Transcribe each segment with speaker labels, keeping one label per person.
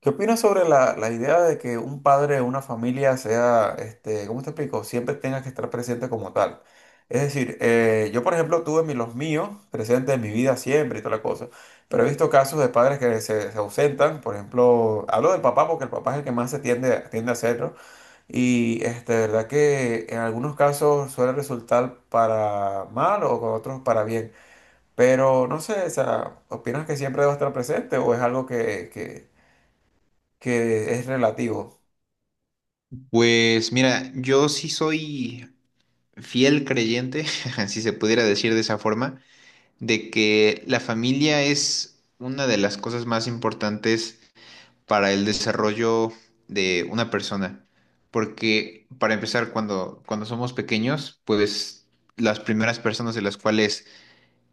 Speaker 1: ¿Qué opinas sobre la idea de que un padre de una familia sea, ¿cómo te explico? Siempre tenga que estar presente como tal. Es decir, yo por ejemplo tuve los míos presentes en mi vida siempre y toda la cosa, pero he visto casos de padres se ausentan, por ejemplo, hablo del papá porque el papá es el que más tiende a hacerlo y de verdad que en algunos casos suele resultar para mal o con otros para bien, pero no sé, o sea, ¿opinas que siempre debe estar presente o es algo que es relativo?
Speaker 2: Pues mira, yo sí soy fiel creyente, si se pudiera decir de esa forma, de que la familia es una de las cosas más importantes para el desarrollo de una persona. Porque para empezar, cuando somos pequeños, pues las primeras personas de las cuales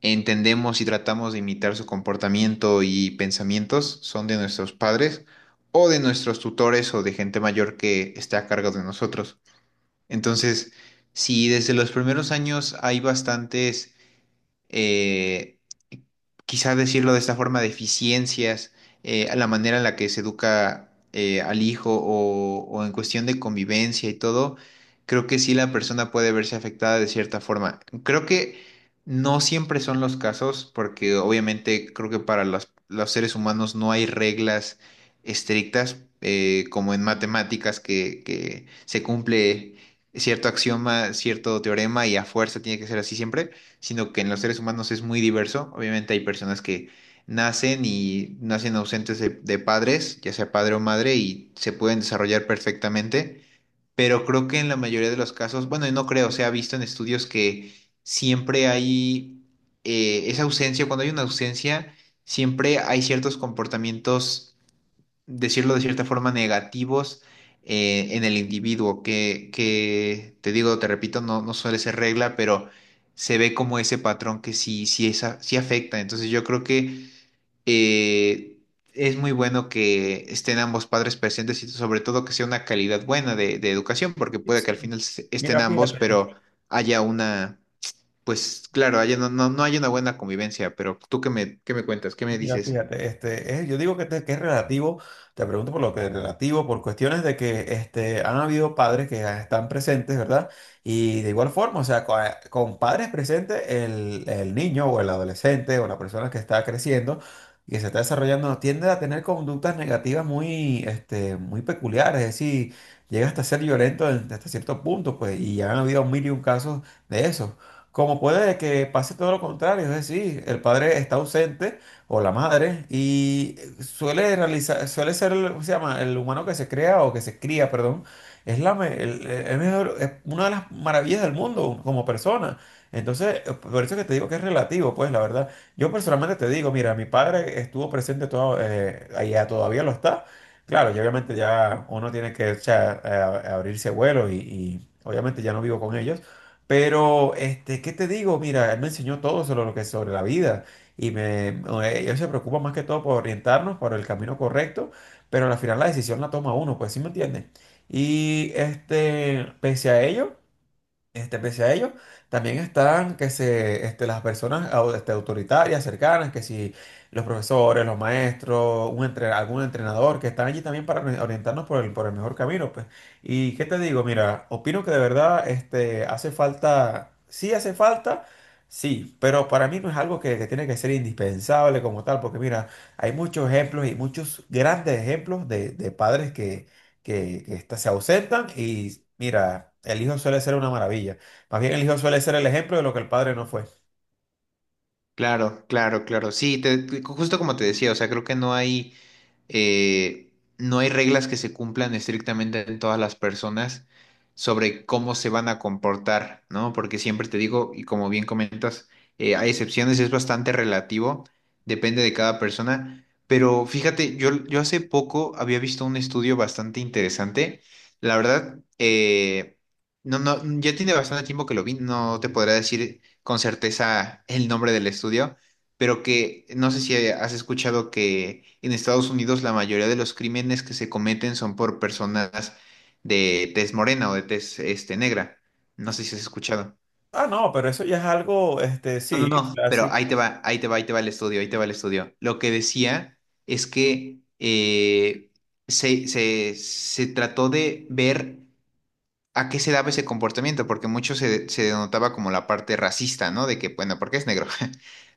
Speaker 2: entendemos y tratamos de imitar su comportamiento y pensamientos son de nuestros padres o de nuestros tutores o de gente mayor que está a cargo de nosotros. Entonces, si desde los primeros años hay bastantes eh, quizá decirlo de esta forma, deficiencias, a la manera en la que se educa al hijo o en cuestión de convivencia y todo, creo que sí la persona puede verse afectada de cierta forma. Creo que no siempre son los casos, porque obviamente creo que para los seres humanos no hay reglas estrictas, como en matemáticas que se cumple cierto axioma, cierto teorema y a fuerza tiene que ser así siempre, sino que en los seres humanos es muy diverso. Obviamente hay personas que nacen y nacen ausentes de padres, ya sea padre o madre, y se pueden desarrollar perfectamente, pero creo que en la mayoría de los casos, bueno, y no creo, se ha visto en estudios que siempre hay esa ausencia, cuando hay una ausencia, siempre hay ciertos comportamientos, decirlo de cierta forma, negativos en el individuo, que te digo, te repito, no, no suele ser regla, pero se ve como ese patrón que sí, sí, sí afecta. Entonces yo creo que eh, es muy bueno que estén ambos padres presentes y sobre todo que sea una calidad buena de educación, porque
Speaker 1: Sí,
Speaker 2: puede que
Speaker 1: sí.
Speaker 2: al final estén
Speaker 1: Mira,
Speaker 2: ambos,
Speaker 1: fíjate.
Speaker 2: pero haya una... Pues claro, haya, no, no, no haya una buena convivencia, pero tú qué me cuentas, qué me
Speaker 1: Mira,
Speaker 2: dices.
Speaker 1: fíjate, yo digo que es relativo, te pregunto por lo que es relativo, por cuestiones de que han habido padres que están presentes, ¿verdad? Y de igual forma, o sea, con padres presentes, el niño o el adolescente o la persona que está creciendo y que se está desarrollando tiende a tener conductas negativas muy peculiares, es decir, llega hasta ser violento hasta cierto punto, pues, y ya han habido mil y un casos de eso. Como puede que pase todo lo contrario, es decir, el padre está ausente o la madre, y suele ser, ¿cómo se llama? El humano que se crea o que se cría, perdón, es el mejor, es una de las maravillas del mundo como persona. Entonces, por eso es que te digo que es relativo, pues, la verdad. Yo personalmente te digo, mira, mi padre estuvo presente todo, allá todavía lo está. Claro, y obviamente ya uno tiene que, o sea, abrirse vuelo y obviamente ya no vivo con ellos. Pero, ¿qué te digo? Mira, él me enseñó todo sobre lo que es sobre la vida y ellos se preocupan más que todo por orientarnos por el camino correcto, pero al final la decisión la toma uno, pues sí me entienden. Y este, pese a ello. Pese a ello, también están que se, este, las personas autoritarias, cercanas, que si los profesores, los maestros, algún entrenador, que están allí también para orientarnos por por el mejor camino, pues. Y qué te digo, mira, opino que de verdad este, hace falta, sí, pero para mí no es algo que tiene que ser indispensable como tal, porque mira, hay muchos ejemplos y muchos grandes ejemplos de padres que estas se ausentan y mira, el hijo suele ser una maravilla. Más bien el hijo suele ser el ejemplo de lo que el padre no fue.
Speaker 2: Claro, claro, claro. Sí, justo como te decía, o sea, creo que no hay, eh, no hay reglas que se cumplan estrictamente en todas las personas sobre cómo se van a comportar, ¿no? Porque siempre te digo, y como bien comentas, hay excepciones, es bastante relativo, depende de cada persona. Pero fíjate, yo hace poco había visto un estudio bastante interesante. La verdad, no, no, ya tiene bastante tiempo que lo vi, no te podrá decir con certeza el nombre del estudio, pero que no sé si has escuchado que en Estados Unidos la mayoría de los crímenes que se cometen son por personas de tez morena o de tez este, negra. No sé si has escuchado.
Speaker 1: Ah, no, pero eso ya es algo, este,
Speaker 2: No, no,
Speaker 1: sí, o
Speaker 2: no,
Speaker 1: sea,
Speaker 2: pero
Speaker 1: sí,
Speaker 2: ahí te va, ahí te va, ahí te va el estudio, ahí te va el estudio. Lo que decía es que se trató de ver a qué se daba ese comportamiento, porque mucho se denotaba como la parte racista, ¿no? De que, bueno, ¿porque es negro?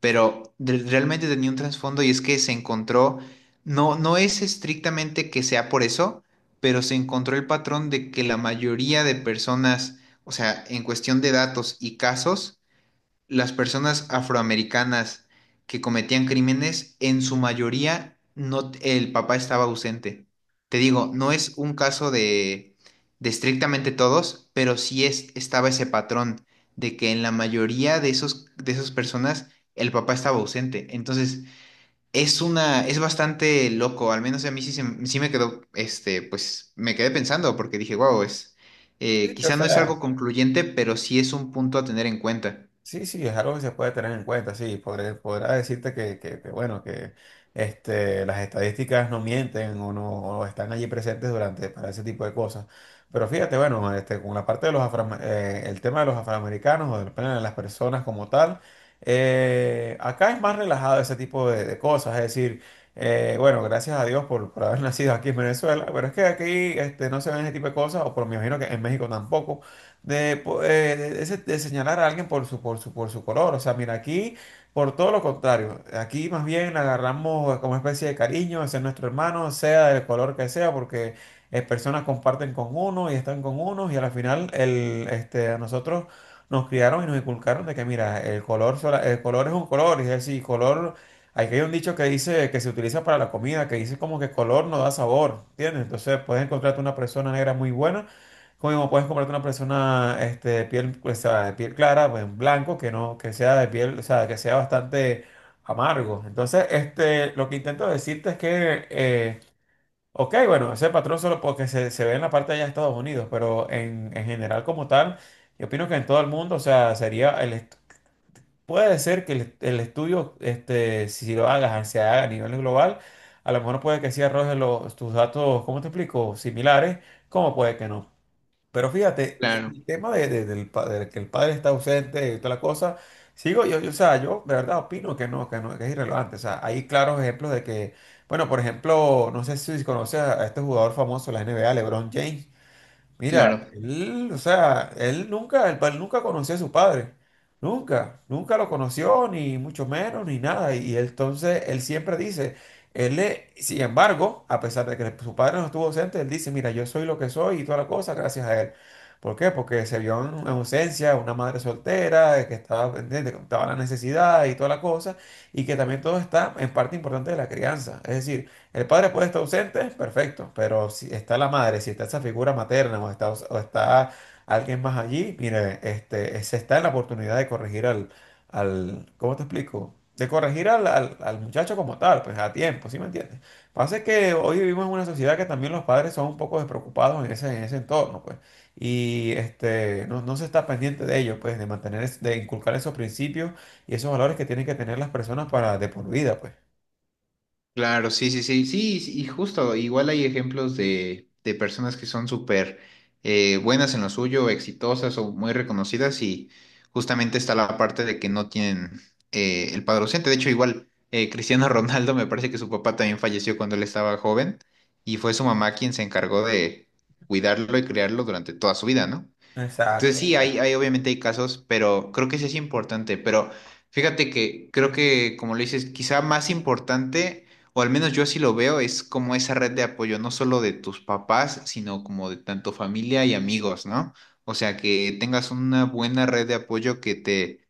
Speaker 2: Pero realmente tenía un trasfondo y es que se encontró, no, no es estrictamente que sea por eso, pero se encontró el patrón de que la mayoría de personas, o sea, en cuestión de datos y casos, las personas afroamericanas que cometían crímenes, en su mayoría no, el papá estaba ausente. Te digo, no es un caso de estrictamente todos, pero sí es, estaba ese patrón de que en la mayoría de esos, de esas personas el papá estaba ausente. Entonces, es una, es bastante loco, al menos a mí sí, sí me quedó, este, pues me quedé pensando porque dije, wow, es,
Speaker 1: sí, o
Speaker 2: quizá no es
Speaker 1: sea,
Speaker 2: algo concluyente, pero sí es un punto a tener en cuenta.
Speaker 1: sí, sí, es algo que se puede tener en cuenta, sí, podrá decirte que, bueno, que las estadísticas no mienten o no o están allí presentes durante para ese tipo de cosas. Pero fíjate, bueno, este, con la parte de los el tema de los afroamericanos o del plano de las personas como tal, acá es más relajado ese tipo de cosas, es decir, bueno, gracias a Dios por haber nacido aquí en Venezuela, pero es que aquí este, no se ven ese tipo de cosas, o por me imagino que en México tampoco de de señalar a alguien por su, por su, por su color. O sea, mira, aquí por todo lo contrario, aquí más bien le agarramos como especie de cariño, ese es nuestro hermano, sea del color que sea, porque personas comparten con uno y están con uno y al final a nosotros nos criaron y nos inculcaron de que mira, el color es un color, es decir, color. Aquí hay un dicho que dice que se utiliza para la comida, que dice como que color no da sabor, ¿entiendes? Entonces puedes encontrarte una persona negra muy buena como puedes comprarte una persona este, de piel, o sea, de piel clara, pues en blanco, que no, que sea de piel, o sea, que sea bastante amargo. Entonces, este, lo que intento decirte es que, ok, bueno, ese patrón solo porque se ve en la parte de allá de Estados Unidos, pero en general como tal, yo opino que en todo el mundo, o sea, puede ser que el estudio, este, si lo hagas, ah, se haga a nivel global, a lo mejor puede que sí arroje los, tus datos, ¿cómo te explico? Similares, como puede que no. Pero fíjate,
Speaker 2: Claro.
Speaker 1: el tema de que el padre está ausente y toda la cosa, sigo o sea, yo de verdad opino que que no, que es irrelevante. O sea, hay claros ejemplos de que, bueno, por ejemplo, no sé si conoces a este jugador famoso de la NBA, LeBron James. Mira,
Speaker 2: Claro,
Speaker 1: él, o sea, él nunca conoció a su padre, nunca, nunca lo conoció, ni mucho menos, ni nada. Y él, entonces, él siempre dice, sin embargo, a pesar de que su padre no estuvo ausente, él dice, mira, yo soy lo que soy y toda la cosa gracias a él. ¿Por qué? Porque se vio en ausencia una madre soltera, que estaba pendiente, que estaba la necesidad y toda la cosa, y que también todo está en parte importante de la crianza. Es decir, el padre puede estar ausente, perfecto, pero si está la madre, si está esa figura materna o está alguien más allí, mire, este, se está en la oportunidad de corregir al, ¿cómo te explico? De corregir al muchacho como tal, pues a tiempo, ¿sí me entiendes? Pasa que hoy vivimos en una sociedad que también los padres son un poco despreocupados en ese entorno, pues, y este, no se está pendiente de ello, pues, de de inculcar esos principios y esos valores que tienen que tener las personas para de por vida, pues.
Speaker 2: claro, sí, sí, sí, sí, sí, y justo, igual hay ejemplos de personas que son súper buenas en lo suyo, exitosas o muy reconocidas y justamente está la parte de que no tienen el padre ausente. De hecho, igual Cristiano Ronaldo me parece que su papá también falleció cuando él estaba joven y fue su mamá quien se encargó de cuidarlo y criarlo durante toda su vida, ¿no?
Speaker 1: Exacto.
Speaker 2: Entonces sí, hay obviamente hay casos, pero creo que sí es importante. Pero fíjate que creo que, como lo dices, quizá más importante, o al menos yo así lo veo, es como esa red de apoyo, no solo de tus papás, sino como de tanto familia y amigos, ¿no? O sea, que tengas una buena red de apoyo que te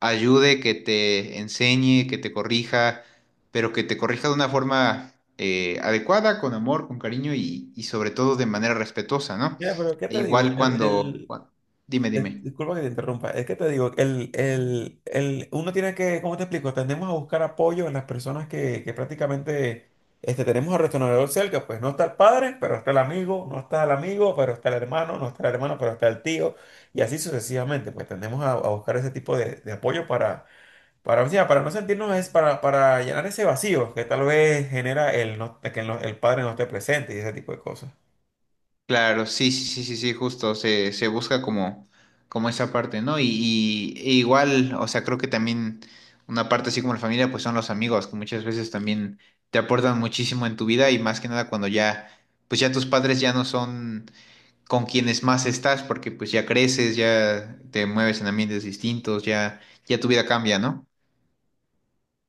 Speaker 2: ayude, que te enseñe, que te corrija, pero que te corrija de una forma adecuada, con amor, con cariño y sobre todo de manera respetuosa, ¿no?
Speaker 1: Mira, pero ¿qué
Speaker 2: E
Speaker 1: te digo?
Speaker 2: igual cuando, dime, dime.
Speaker 1: Disculpa que te interrumpa, es que te digo, uno tiene que, ¿cómo te explico? Tendemos a buscar apoyo en las personas que prácticamente este, tenemos al retornador cerca, pues no está el padre, pero está el amigo, no está el amigo, pero está el hermano, no está el hermano, pero está el tío, y así sucesivamente, pues tendemos a buscar ese tipo de apoyo o sea, para no sentirnos, es para llenar ese vacío que tal vez genera el, no- que el no- el padre no esté presente y ese tipo de cosas.
Speaker 2: Claro, sí, sí, sí, sí, sí, justo, se busca como, como esa parte, ¿no? E igual, o sea, creo que también una parte así como la familia, pues son los amigos, que muchas veces también te aportan muchísimo en tu vida y más que nada cuando ya, pues ya tus padres ya no son con quienes más estás, porque pues ya creces, ya te mueves en ambientes distintos, ya, ya tu vida cambia, ¿no?